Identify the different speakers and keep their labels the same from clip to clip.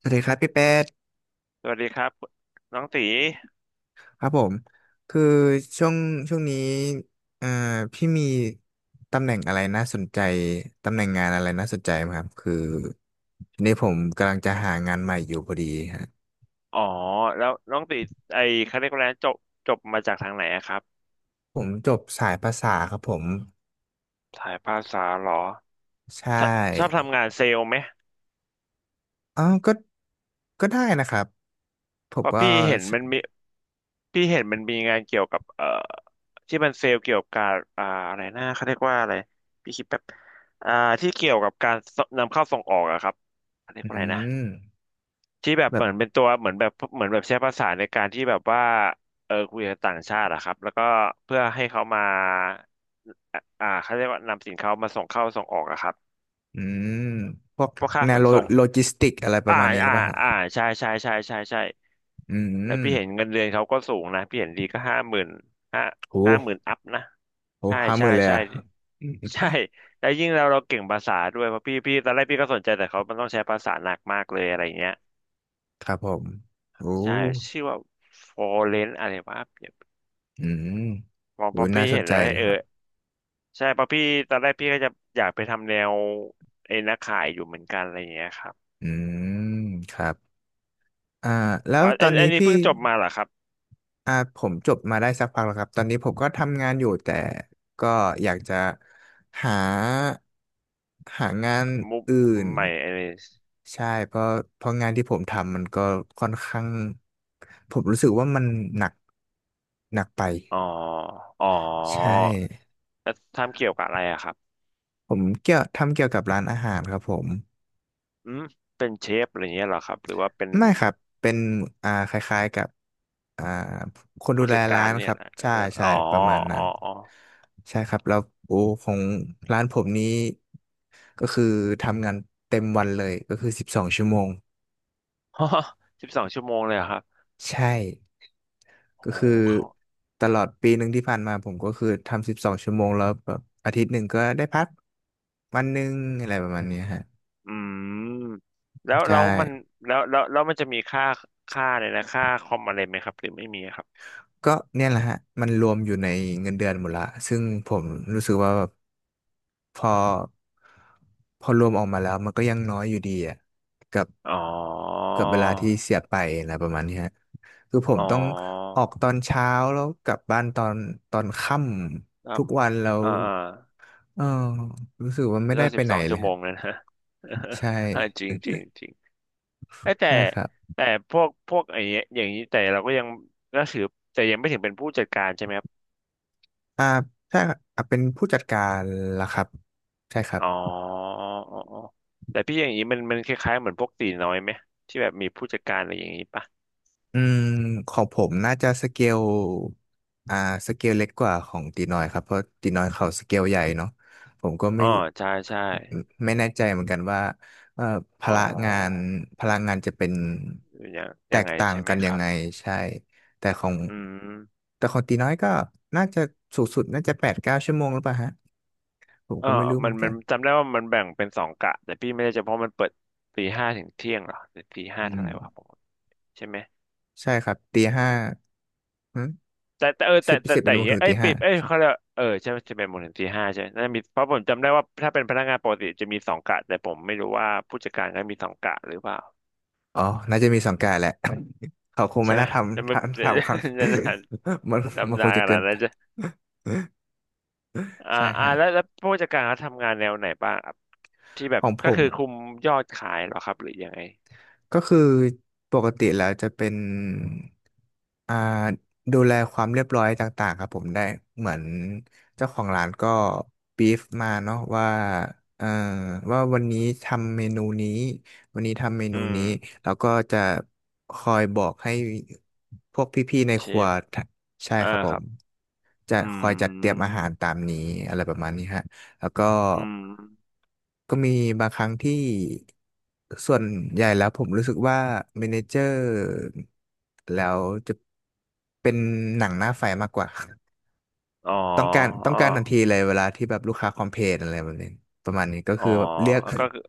Speaker 1: สวัสดีครับพี่แป๊ด
Speaker 2: สวัสดีครับน้องตี
Speaker 1: ครับผมคือช่วงช่วงนี้เอ่อพี่มีตำแหน่งอะไรน่าสนใจตำแหน่งงานอะไรน่าสนใจไหมครับคือทีนี้ผมกำลังจะหางานใหม่อยู่พอดีฮะ
Speaker 2: อ๋อแล้วน้องตีไอคาเรียกว่าอะไรนะจบมาจากทางไหนอะครับ
Speaker 1: ผมจบสายภาษาครับผม
Speaker 2: สายภาษาเหรอ
Speaker 1: ใช
Speaker 2: ชอบชอบ
Speaker 1: ่
Speaker 2: ทำงานเซลล์ไหม
Speaker 1: อ๋อก็ได้นะครับผ
Speaker 2: เพ
Speaker 1: ม
Speaker 2: ราะ
Speaker 1: ก็
Speaker 2: พี่เห็นมันมีพี่เห็นมันมีงานเกี่ยวกับที่มันเซลล์เกี่ยวกับการอะไรนะเขาเรียกว่าอะไรพี่คิดแป๊บอ่าที่เกี่ยวกับการนำเข้าส่งออกอะครับเขาเรียก
Speaker 1: อื
Speaker 2: ว่าอะไรนะ
Speaker 1: ม
Speaker 2: ที่แบบเห
Speaker 1: แบบ
Speaker 2: มือนเป็นตัวเหมือนแบบเหมือนแบบใช้ภาษาในการที่แบบว่าเออคุยกับต่างชาติอะครับแล้วก็เพื่อให้เขามาเขาเรียกว่านำสินค้ามาส่งเข้าส่งออกอะครับ
Speaker 1: อืมพวก
Speaker 2: พวกค่า
Speaker 1: แน
Speaker 2: ข
Speaker 1: ว
Speaker 2: น
Speaker 1: โล
Speaker 2: ส่ง
Speaker 1: โลจิสติกอะไรป
Speaker 2: อ่า
Speaker 1: ระมาณนี้หรื
Speaker 2: อ่า
Speaker 1: อเปล่าฮะ
Speaker 2: อ่าใช่ใช่ใช่ใช่ใช่
Speaker 1: อื
Speaker 2: แล้ว
Speaker 1: ม
Speaker 2: พี่เห็นเงินเดือนเขาก็สูงนะพี่เห็นดีก็ห้าหมื่นห้าห้า
Speaker 1: โห
Speaker 2: หมื่นอัพนะ
Speaker 1: โห
Speaker 2: ใช่
Speaker 1: ห้าห
Speaker 2: ใช่
Speaker 1: มื่นเลย
Speaker 2: ใช่
Speaker 1: อะ
Speaker 2: ใช่แล้วยิ่งเราเราเก่งภาษาด้วยเพราะพี่ตอนแรกพี่ก็สนใจแต่เขามันต้องใช้ภาษาหนักมากเลยอะไรเงี้ย
Speaker 1: ครับผมโอ้
Speaker 2: ใช่ชื่อว่า Foreign อะไรวะ
Speaker 1: อืม
Speaker 2: บอก
Speaker 1: โอ้
Speaker 2: ป๊อปปี้
Speaker 1: น่าส
Speaker 2: เห็
Speaker 1: น
Speaker 2: น
Speaker 1: ใจ
Speaker 2: แล้ว
Speaker 1: เลย
Speaker 2: เออ
Speaker 1: ครับ
Speaker 2: ใช่ป๊อปปี้ตอนแรกพี่ก็จะอยากไปทำแนวไอ้นักขายอยู่เหมือนกันอะไรอย่างเงี้ยครับ
Speaker 1: อืมครับอ่าแล้
Speaker 2: อ๋
Speaker 1: ว
Speaker 2: อ
Speaker 1: ตอน
Speaker 2: อั
Speaker 1: นี้
Speaker 2: นนี้
Speaker 1: พี่
Speaker 2: เพิ่งจบมาเหรอครับ
Speaker 1: ผมจบมาได้สักพักแล้วครับตอนนี้ผมก็ทำงานอยู่แต่ก็อยากจะหา หางาน
Speaker 2: มุก
Speaker 1: อื่น
Speaker 2: ใหม่ไอ้นี่
Speaker 1: ใช่ เพราะงานที่ผมทำมันก็ค่อนข้างผมรู้สึกว่ามันหนัก หนักไป
Speaker 2: อ๋ออ๋อ
Speaker 1: ใช่
Speaker 2: แล้วทำเกี่ยวกับอะไรอะครับ
Speaker 1: ผมเกี่ยวทำเกี่ยวกับร้านอาหารครับผม
Speaker 2: อืมเป็นเชฟอะไรอย่างเงี้ยเหรอครับหรือว่าเป็น
Speaker 1: ไม่ครับ เป็นคล้ายๆกับอ่าคนดู
Speaker 2: ผู้
Speaker 1: แล
Speaker 2: จัดกา
Speaker 1: ร้า
Speaker 2: ร
Speaker 1: นค
Speaker 2: เนี่ย
Speaker 1: รับ
Speaker 2: นะเอ
Speaker 1: ใช่
Speaker 2: อ
Speaker 1: ใช่
Speaker 2: อ๋อ
Speaker 1: ประมาณนั้
Speaker 2: อ๋
Speaker 1: น
Speaker 2: ออ๋อ
Speaker 1: ใช่ครับแล้วโอ้ของร้านผมนี้ก็คือทำงานเต็มวันเลยก็คือสิบสองชั่วโมง
Speaker 2: สิบสองชั่วโมงเลยเหรอครับ
Speaker 1: ใช่
Speaker 2: โอ้
Speaker 1: ก็
Speaker 2: โห
Speaker 1: คือ
Speaker 2: เขา
Speaker 1: ตลอดปีหนึ่งที่ผ่านมาผมก็คือทำสิบสองชั่วโมงแล้วแบบอาทิตย์หนึ่งก็ได้พักวันหนึ่งอะไรประมาณเนี้ยฮะ
Speaker 2: อืมแล้ว
Speaker 1: ใช่
Speaker 2: แล้วมันแล้วมันจะมีค่าค่าเลยนะค่าคอมอะไรไหมครับหรือไม่มีครับ
Speaker 1: ก็เนี่ยแหละฮะมันรวมอยู่ในเงินเดือนหมดละซึ่งผมรู้สึกว่าแบบ พอพอรวมออกมาแล้วมันก็ยังน้อยอยู่ดีอ่ะกับ
Speaker 2: อ๋อ
Speaker 1: กับเวลาที่เสียไปอะไรประมาณนี้ฮะคือผ
Speaker 2: อ๋
Speaker 1: ม
Speaker 2: อ
Speaker 1: ต้องออกตอนเช้าแล้วกลับบ้านตอนค่ำ
Speaker 2: ตั้
Speaker 1: ทุ
Speaker 2: ม
Speaker 1: กวันแล้ว
Speaker 2: อ่าอ่า
Speaker 1: เออรู้สึกว่าไม่ได้
Speaker 2: ก็
Speaker 1: ไป
Speaker 2: สิบ
Speaker 1: ไห
Speaker 2: ส
Speaker 1: น
Speaker 2: อง
Speaker 1: เล
Speaker 2: ชั่
Speaker 1: ย
Speaker 2: วโม
Speaker 1: ฮะ
Speaker 2: งเลยนะ
Speaker 1: ใช่
Speaker 2: จริงจริงจริงเอ้ยแต่
Speaker 1: ใช่ครับ
Speaker 2: แต่พวกไอ้เนี้ยอย่างนี้แต่เราก็ยังก็ถือแต่ยังไม่ถึงเป็นผู้จัดการใช่ไหมครับ
Speaker 1: อ่าใช่ครับอ่าเป็นผู้จัดการล่ะครับใช่ครับ
Speaker 2: อ๋ออ๋ออ๋อแต่พี่อย่างนี้มันคล้ายๆเหมือนพวกตีน้อยไหมที่แบบมีผู้จัดการอะไรอย่างนี้ปะ
Speaker 1: อืมของผมน่าจะสเกลอ่าสเกลเล็กกว่าของตีน้อยครับเพราะตีน้อยเขาสเกลใหญ่เนาะผมก็
Speaker 2: อ๋อ ใช่ใช่
Speaker 1: ไม่แน่ใจเหมือนกันว่าเอ่อพ
Speaker 2: อ๋อ
Speaker 1: ละงานพลังงานจะเป็น
Speaker 2: อย่าง
Speaker 1: แต
Speaker 2: ยัง
Speaker 1: ก
Speaker 2: ไง
Speaker 1: ต่าง
Speaker 2: ใช่ไหม
Speaker 1: กัน
Speaker 2: ค
Speaker 1: ยัง
Speaker 2: รับ
Speaker 1: ไงใช่แต่ของ
Speaker 2: อืม
Speaker 1: แต่ของตีน้อยก็น่าจะสูงสุดน่าจะ8-9 ชั่วโมงหรือเปล่าฮะผม
Speaker 2: เอ
Speaker 1: ก็ไม่รู้เห
Speaker 2: มั
Speaker 1: มื
Speaker 2: น
Speaker 1: อนกัน
Speaker 2: จำได้ว่ามันแบ่งเป็นสองกะแต่พี่ไม่ได้จำเพราะมันเปิดตีห้าถึงเที่ยงเหรอหรือตีห้า
Speaker 1: อื
Speaker 2: เท่าไหร่วะผ
Speaker 1: ม
Speaker 2: มใช่ไหม
Speaker 1: ใช่ครับตีห้า
Speaker 2: แต่เออ
Speaker 1: สิ
Speaker 2: แต่
Speaker 1: บ
Speaker 2: แต่
Speaker 1: สิบเป็
Speaker 2: แต่
Speaker 1: น
Speaker 2: อ
Speaker 1: โม
Speaker 2: ย่าง
Speaker 1: ง
Speaker 2: เงี้
Speaker 1: ถึ
Speaker 2: ย
Speaker 1: ง
Speaker 2: เอ้
Speaker 1: ตี
Speaker 2: ย
Speaker 1: ห้า
Speaker 2: ปิดเอ้ยเขาเรียกว่าเออใช่ไหมจะเป็นโมงถึงตีห้าใช่ไหมน่ามีเพราะผมจำได้ว่าถ้าเป็นพนักงานปกติจะมีสองกะแต่ผมไม่รู้ว่าผู้จัดการก็มีสองกะหรือเปล่า
Speaker 1: อ๋อ น่าจะมีสังกัดแหละ เขาคง
Speaker 2: ใช่
Speaker 1: ไม่
Speaker 2: ไหม
Speaker 1: น่า
Speaker 2: จะไม่ จะ
Speaker 1: ทำครั้ง
Speaker 2: นาน
Speaker 1: มันมัน
Speaker 2: ดำ
Speaker 1: ค
Speaker 2: นา
Speaker 1: ง
Speaker 2: น
Speaker 1: จะ
Speaker 2: ข
Speaker 1: เกิ
Speaker 2: นา
Speaker 1: น
Speaker 2: ดนั้
Speaker 1: ไป
Speaker 2: นจะ
Speaker 1: ใช่ฮะ
Speaker 2: แล้วผู้จัดการเขาทำงานแนวไหนบ้างครับที่แบ
Speaker 1: ข
Speaker 2: บ
Speaker 1: องผ
Speaker 2: ก็
Speaker 1: ม
Speaker 2: คือคุมยอดขายเหรอครับหรือยังไง
Speaker 1: ก็คือปกติแล้วจะเป็นอ่าดูแลความเรียบร้อยต่างๆครับผมได้เหมือนเจ้าของร้านก็บีฟมาเนาะว่าเอ่อว่าวันนี้ทำเมนูนี้วันนี้ทำเม
Speaker 2: อื
Speaker 1: นู
Speaker 2: ม
Speaker 1: นี้แล้วก็จะคอยบอกให้พวกพี่ๆใน
Speaker 2: เช
Speaker 1: ครัว
Speaker 2: ฟ
Speaker 1: ทะใช่ค
Speaker 2: อ่า
Speaker 1: รับผ
Speaker 2: ครั
Speaker 1: ม
Speaker 2: บ
Speaker 1: จะ
Speaker 2: อื
Speaker 1: คอยจัดเตรียมอา
Speaker 2: ม
Speaker 1: หารตามนี้อะไรประมาณนี้ฮะ แล้วก็
Speaker 2: อืม
Speaker 1: ก็มีบางครั้งที่ส่วนใหญ่แล้วผมรู้สึกว่าเมเนเจอร์แล้วจะเป็นหนังหน้าไฟมากกว่า
Speaker 2: อ๋อ
Speaker 1: ต้องการทันทีเลยเวลาที่แบบลูกค้าคอมเพลนอะไรแบบนี้ประมาณนี้ก็
Speaker 2: อ๋อ
Speaker 1: คือแบบเรียก
Speaker 2: ก็คือ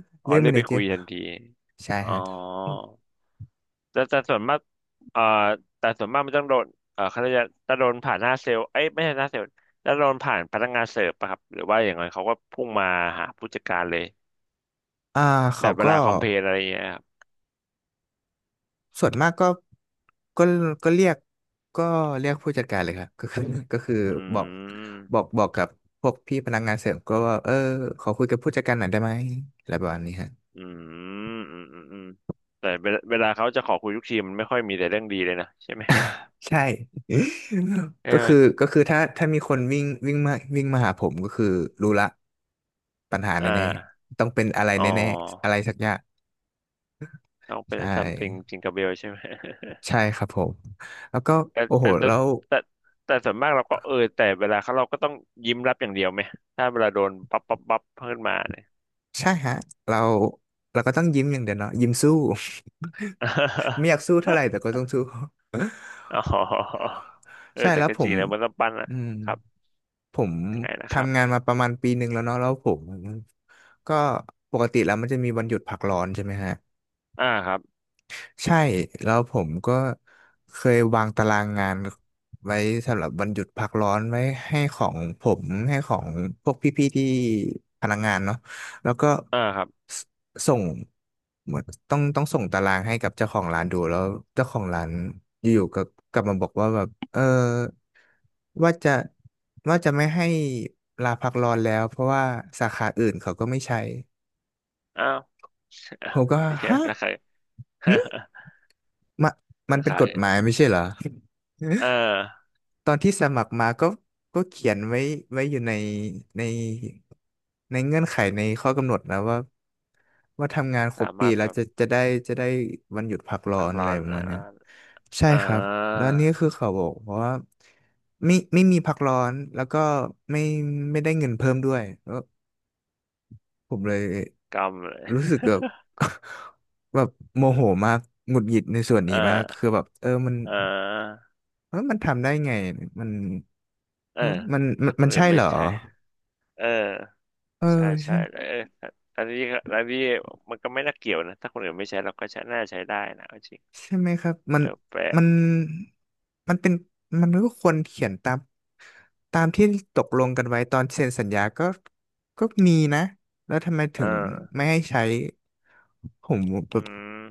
Speaker 2: อ๋อ
Speaker 1: เรียก
Speaker 2: เรี
Speaker 1: เม
Speaker 2: ยก
Speaker 1: เน
Speaker 2: ไป
Speaker 1: เจอ
Speaker 2: คุย
Speaker 1: ร์
Speaker 2: ทันที
Speaker 1: ใช่
Speaker 2: อ๋อ
Speaker 1: ฮะ
Speaker 2: แต่ส่วนมากเอ่อแต่ส่วนมากมันต้องโดนเขาจะโดนผ่านหน้าเซลล์เอ้ยไม่ใช่หน้าเซลล์จะโดนผ่านพนักงานเสิร์ฟปะครับหรือว่าอย่างไรเขาก็พุ่งมาหาผู้จัดการเลย
Speaker 1: อ่า
Speaker 2: แบ
Speaker 1: เขา
Speaker 2: บเว
Speaker 1: ก็
Speaker 2: ลาคอมเพลนอะไรอย่างเงี้ยครับ
Speaker 1: ส่วนมากก็ก็ก็เรียกก็เรียกผู้จัดการเลยครับ ก็คือก็คือ
Speaker 2: อื
Speaker 1: บอก
Speaker 2: ม
Speaker 1: บอกกับพวกพี่พนักงานเสริมก็ว่าเออขอคุยกับผู้จัดการหน่อยได้ไหมอะไรประมาณนี้ฮะ
Speaker 2: อืมอืมอืมอืมแต่เวลาเขาจะขอคุยทุกทีมันไม่ค่อยมีแต่เรื่องดีเลยนะใช่ไหม
Speaker 1: ใช่
Speaker 2: ใช่
Speaker 1: ก็
Speaker 2: ไหม
Speaker 1: คือก็คือถ้ามีคนวิ่งวิ่งมาวิ่งมาหาผมก็คือรู้ละปัญหา
Speaker 2: อ่
Speaker 1: แน่
Speaker 2: า
Speaker 1: ๆต้องเป็นอะไร
Speaker 2: อ๋
Speaker 1: แน่ๆอะ
Speaker 2: อ
Speaker 1: ไรสักอย่าง
Speaker 2: ต้องเป็น
Speaker 1: ใช่
Speaker 2: something จิงก e เบลใช่ไหม
Speaker 1: ใช่ครับผมแล้วก็
Speaker 2: แต่
Speaker 1: โอ้โหเรา
Speaker 2: แต่แต่ส่วนมากเราก็เออแต่เวลาเขาเราก็ต้องยิ้มรับอย่างเดียวไหมถ้าเวลาโดนปั๊บปั๊บปั๊บขึ้นมาเนี่ย
Speaker 1: ใช่ฮะเราเราก็ต้องยิ้มอย่างเดียวเนาะยิ้มสู้ ไม่อยากสู้เท่าไหร่แต่ก็ ต้องสู้
Speaker 2: อ๋อเออ
Speaker 1: ใช่
Speaker 2: แต่
Speaker 1: แล้ว
Speaker 2: ก็
Speaker 1: ผ
Speaker 2: จริ
Speaker 1: ม
Speaker 2: งนะมันต้องปั้นอ่ะ
Speaker 1: อืม
Speaker 2: ครับ
Speaker 1: ผม
Speaker 2: ยังไงนะครับ
Speaker 1: ทำงานมาประมาณปีหนึ่งแล้วเนาะแล้วผมก็ปกติแล้วมันจะมีวันหยุดพักร้อนใช่ไหมฮะ
Speaker 2: อ่าครับ
Speaker 1: ใช่แล้วผมก็เคยวางตารางงานไว้สำหรับวันหยุดพักร้อนไว้ให้ของผมให้ของพวกพี่ๆที่พนักงานเนาะแล้วก็
Speaker 2: อ่าครับ
Speaker 1: สส่งเหมือนต้องส่งตารางให้กับเจ้าของร้านดูแล้วเจ้าของร้านอยู่ๆก็กลับมาบอกว่าแบบเออ ว่าจะว่าจะไม่ให้ลาพักร้อนแล้วเพราะว่าสาขาอื่นเขาก็ไม่ใช้
Speaker 2: อ้าว
Speaker 1: ผ มก็
Speaker 2: ไม่ใช่
Speaker 1: ฮะ
Speaker 2: ตะไคร้
Speaker 1: หึมา มัน
Speaker 2: ตะ
Speaker 1: เป็
Speaker 2: ไค
Speaker 1: น
Speaker 2: ร้
Speaker 1: กฎหมายไม่ใช่เหรอ
Speaker 2: เออ
Speaker 1: ตอนที่สมัครมาก็ก็เขียนไว้ไว้อยู่ในในในเงื่อนไขในข้อกำหนดนะว่าทำงานคร
Speaker 2: สา
Speaker 1: บปี
Speaker 2: มารถ
Speaker 1: แล้
Speaker 2: แบ
Speaker 1: ว
Speaker 2: บ
Speaker 1: จะได้จะได้วันหยุดพักร้อ
Speaker 2: พัก
Speaker 1: นอะ
Speaker 2: ร้
Speaker 1: ไร
Speaker 2: อน
Speaker 1: ประมาณเนี้ยใช่
Speaker 2: อ่
Speaker 1: ครับแล้
Speaker 2: า
Speaker 1: วนี่คือเขาบอกว่าไม่มีพักร้อนแล้วก็ไม่ไม่ได้เงินเพิ่มด้วย ผมเลย
Speaker 2: กำเลย
Speaker 1: รู้สึกแบบ แบบโมโหมากหงุดหงิดในส่วนนี้มาก
Speaker 2: อ่า
Speaker 1: คือแบบเออมัน
Speaker 2: อา
Speaker 1: เออมันทำได้ไงมัน
Speaker 2: เอ
Speaker 1: เอ
Speaker 2: อ
Speaker 1: อ
Speaker 2: ถ้าค
Speaker 1: มั
Speaker 2: น
Speaker 1: น
Speaker 2: อื่
Speaker 1: ใช่
Speaker 2: น
Speaker 1: เห
Speaker 2: ไม่
Speaker 1: รอ
Speaker 2: ใช่เออ
Speaker 1: เออ
Speaker 2: ใช่ใช่
Speaker 1: ใช่
Speaker 2: แล้วเอออันนี้อันนี้มันก็ไม่น่าเกี่ยวนะถ้าคนอื่นไม่ใช้เราก็ใช้น่าใช้ได้นะเอาจริง
Speaker 1: ใช่ไหมครับมัน
Speaker 2: เออแปลก
Speaker 1: มันมันเป็นมันก็ควรเขียนตามตามที่ตกลงกันไว้ตอนเซ็นสัญญาก็ก็มีนะแล้วทำไมถึง
Speaker 2: เออ
Speaker 1: ไม่ให้ใช้ผมแบบ
Speaker 2: อืม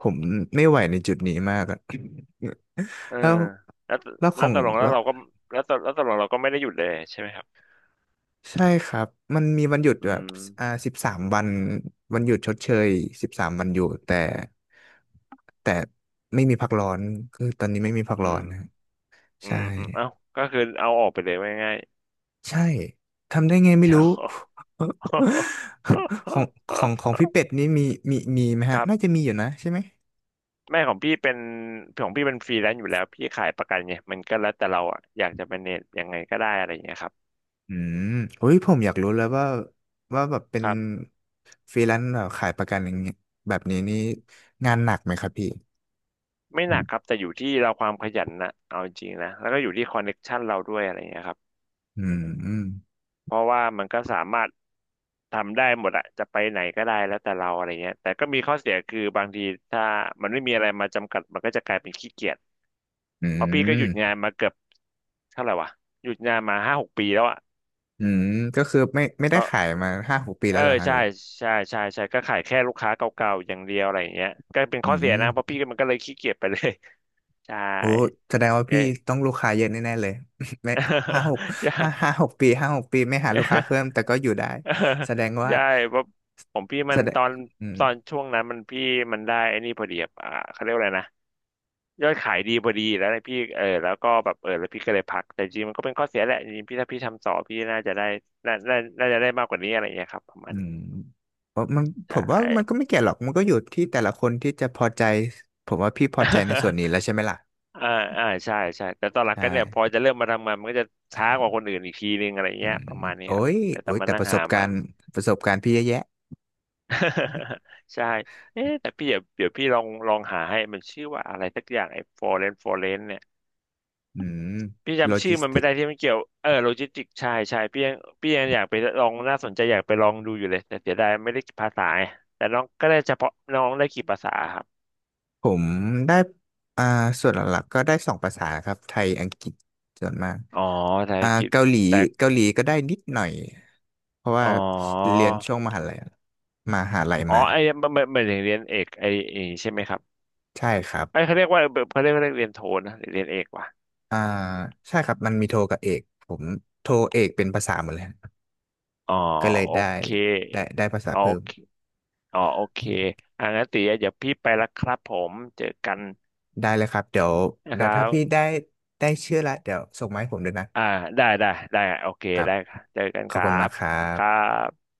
Speaker 1: ผมไม่ไหวในจุดนี้มากอะ
Speaker 2: เออ
Speaker 1: แล้ว
Speaker 2: แล้ว
Speaker 1: แล้วข
Speaker 2: แล้
Speaker 1: อ
Speaker 2: ว
Speaker 1: ง
Speaker 2: ตกลงแล้
Speaker 1: แล้
Speaker 2: ว
Speaker 1: ว
Speaker 2: เราก็แล้วตแล้วตกลงเราก็ไม่ได้หยุดเลยใช่ไหมครับ
Speaker 1: ใช่ครับมันมีวันหยุด
Speaker 2: อื
Speaker 1: แบบ
Speaker 2: ม
Speaker 1: อ่าสิบสามวันวันหยุดชดเชยสิบสามวันหยุดแต่แต่ไม่มีพักร้อนคือตอนนี้ไม่มีพัก
Speaker 2: อื
Speaker 1: ร้อ
Speaker 2: ม
Speaker 1: นนะ
Speaker 2: อื
Speaker 1: ใช่
Speaker 2: มอืมเอ้าก็คือเอาออกไปเลยว่าง่าย
Speaker 1: ใช่ทำได้ไง
Speaker 2: ๆ
Speaker 1: ไม่
Speaker 2: เดี๋ย
Speaker 1: รู้
Speaker 2: ว
Speaker 1: ของของพี่เป็ดนี่มีมีไหม
Speaker 2: ค
Speaker 1: ฮะ
Speaker 2: รับ
Speaker 1: น่าจะมีอยู่นะใช่ไหม
Speaker 2: แม่ของพี่เป็นของพี่เป็นฟรีแลนซ์อยู่แล้วพี่ขายประกันไงมันก็แล้วแต่เราอะอยากจะเป็นเน็ตยังไงก็ได้อะไรอย่างเงี้ยครั
Speaker 1: อืมโอ้ยผมอยากรู้แล้วว่าแบบเป็น
Speaker 2: บ
Speaker 1: ฟรีแลนซ์แบบขายประกันอย่างเงี้ยแบบนี้นี่งานหนักไหมครับพี่
Speaker 2: ไม่หนักครับแต่อยู่ที่เราความขยันนะเอาจริงๆนะแล้วก็อยู่ที่คอนเน็กชันเราด้วยอะไรเงี้ยครับ
Speaker 1: อืมอืม
Speaker 2: เพราะว่ามันก็สามารถทำได้หมดอะจะไปไหนก็ได้แล้วแต่เราอะไรเงี้ยแต่ก็มีข้อเสียคือบางทีถ้ามันไม่มีอะไรมาจำกัดมันก็จะกลายเป็นขี้เกียจ
Speaker 1: อื
Speaker 2: เพราะพี่ก็ห
Speaker 1: ม
Speaker 2: ยุดงานมาเกือบเท่าไหร่วะหยุดงานมา5-6 ปีแล้วอะ
Speaker 1: อืมก็คือไม่ได้
Speaker 2: ก็
Speaker 1: ขายมาห้าหกปี
Speaker 2: เอ
Speaker 1: แล้
Speaker 2: อ
Speaker 1: วเหรอฮะ
Speaker 2: ใช่
Speaker 1: เลย
Speaker 2: ใช่ใช่ใช่ก็ขายแค่ลูกค้าเก่าๆอย่างเดียวอะไรอย่างเงี้ยก็เป็น
Speaker 1: อื
Speaker 2: ข้อเสียนะเพราะ
Speaker 1: ม
Speaker 2: พี่ก็มันก็เลยขี้เกียจไปเลย ใช่
Speaker 1: โอ้แสดงว่าพี่
Speaker 2: เย้
Speaker 1: ต้องลูกค้าเยอะแน่ๆเลย ไม่ห้าหก
Speaker 2: ใช
Speaker 1: ห้าหกปีห้าหกปีไม่หา
Speaker 2: ่
Speaker 1: ลูกค้าเพิ่มแต่ก็อยู่ได้
Speaker 2: เออ
Speaker 1: แสดงว่า
Speaker 2: ใช่เพราะผมพี่มั
Speaker 1: แส
Speaker 2: น
Speaker 1: ด
Speaker 2: ต
Speaker 1: ง
Speaker 2: อน
Speaker 1: อืม
Speaker 2: ตอนช่วงนั้นมันพี่มันได้ไอ้นี่พอดีอะเขาเรียกว่าอะไรนะยอดขายดีพอดีแล้วเนยพี่เออแล้วก็แบบเออแล้วพี่ก็เลยพักแต่จริงมันก็เป็นข้อเสียแหละจริงพี่ถ้าพี่ทำต่อพี่น่าน่าน่าจะได้มากกว่านี้อะไรอย่างเงี้ยครับประมา
Speaker 1: อื
Speaker 2: ณนี้
Speaker 1: มเพราะมันผ
Speaker 2: ใช่
Speaker 1: มว่ามันก็ไม่เกี่ยวหรอกมันก็อยู่ที่แต่ละคนที่จะพอใจผมว่าพี่พอใจในส่วนนี้แล้ว ใช่ไหมล่ะ
Speaker 2: อ่าอ่าใช่ใช่แต่ตอนหลั
Speaker 1: ใช
Speaker 2: งก็เนี่ยพอ
Speaker 1: ่
Speaker 2: จะเริ่มมาทำงานมันก็จะช้ากว่าคนอื่นอีกทีนึงอะไร
Speaker 1: อื
Speaker 2: เงี้ย
Speaker 1: ม
Speaker 2: ประมาณนี้ครับแต่ต้
Speaker 1: โอ้
Speaker 2: อง
Speaker 1: ย
Speaker 2: มา
Speaker 1: แต่
Speaker 2: นั่
Speaker 1: ป
Speaker 2: ง
Speaker 1: ระส
Speaker 2: หา
Speaker 1: บกา
Speaker 2: มั
Speaker 1: ร
Speaker 2: น
Speaker 1: ณ์ประสบการณ์พี่เยอะแยะ
Speaker 2: ใช่เอ๊ะแต่พี่เดี๋ยวพี่ลองหาให้มันชื่อว่าอะไรสักอย่างไอ้ฟอเรนเนี่ย
Speaker 1: อืม
Speaker 2: พี่
Speaker 1: โล
Speaker 2: จำชื่
Speaker 1: จิ
Speaker 2: อ
Speaker 1: ส
Speaker 2: มันไม่
Speaker 1: ติ
Speaker 2: ได้ที่มันเกี่ยวเออโลจิสติกใช่ใช่พี่ยังอยากไปลองน่าสนใจอยากไปลองดูอยู่เลยแต่เสียดายไม่ได้ภาษาไงแต่น้องก็ได้เฉพาะน้องได้กี่ภาษาครับ
Speaker 1: ผมได้อ่าส่วนหลักๆก็ได้2 ภาษาครับไทย อังกฤษส่วนมาก
Speaker 2: อ๋อภาษา
Speaker 1: อ่า
Speaker 2: อังกฤษ
Speaker 1: เกาหลี
Speaker 2: แต่
Speaker 1: ก็ได้นิดหน่อย เพราะว่า
Speaker 2: อ๋อ
Speaker 1: เรียนช่วงมหาลัย
Speaker 2: อ๋อ
Speaker 1: มา
Speaker 2: ไอ้มันเรียนเอกไอ้ใช่ไหมครับ
Speaker 1: ใช่ครับ
Speaker 2: ไอ้เขาเรียกว่าเขาเรียกว่าเรียนโทนะหรือเรียนเอกวะ
Speaker 1: อ่าใช่ครับ มันมีโทกับเอก ผมโทเอกเป็นภาษาหมดเลยฮะ
Speaker 2: อ๋อ
Speaker 1: ก็เลย
Speaker 2: โอ
Speaker 1: ได้
Speaker 2: เค
Speaker 1: ได้ภาษา
Speaker 2: อ๋อ
Speaker 1: เพิ่
Speaker 2: โอ
Speaker 1: ม
Speaker 2: เค อ๋อโอเคงั้นตีเดี๋ยวพี่ไปละครับผม เจอกัน
Speaker 1: ได้เลยครับ
Speaker 2: นะค
Speaker 1: เดี๋ยว
Speaker 2: รั
Speaker 1: ถ้าพี่
Speaker 2: บ
Speaker 1: ได้ชื่อละเดี๋ยวส่งมาให้ผมด้วยนะ
Speaker 2: อ่าได้ได้ได้โอเค
Speaker 1: ครับ
Speaker 2: ได้ครับเจอกัน
Speaker 1: ข
Speaker 2: ค
Speaker 1: อบ
Speaker 2: รั
Speaker 1: คุณมา
Speaker 2: บ
Speaker 1: กค
Speaker 2: ส
Speaker 1: รั
Speaker 2: วัสดีครั
Speaker 1: บ
Speaker 2: บ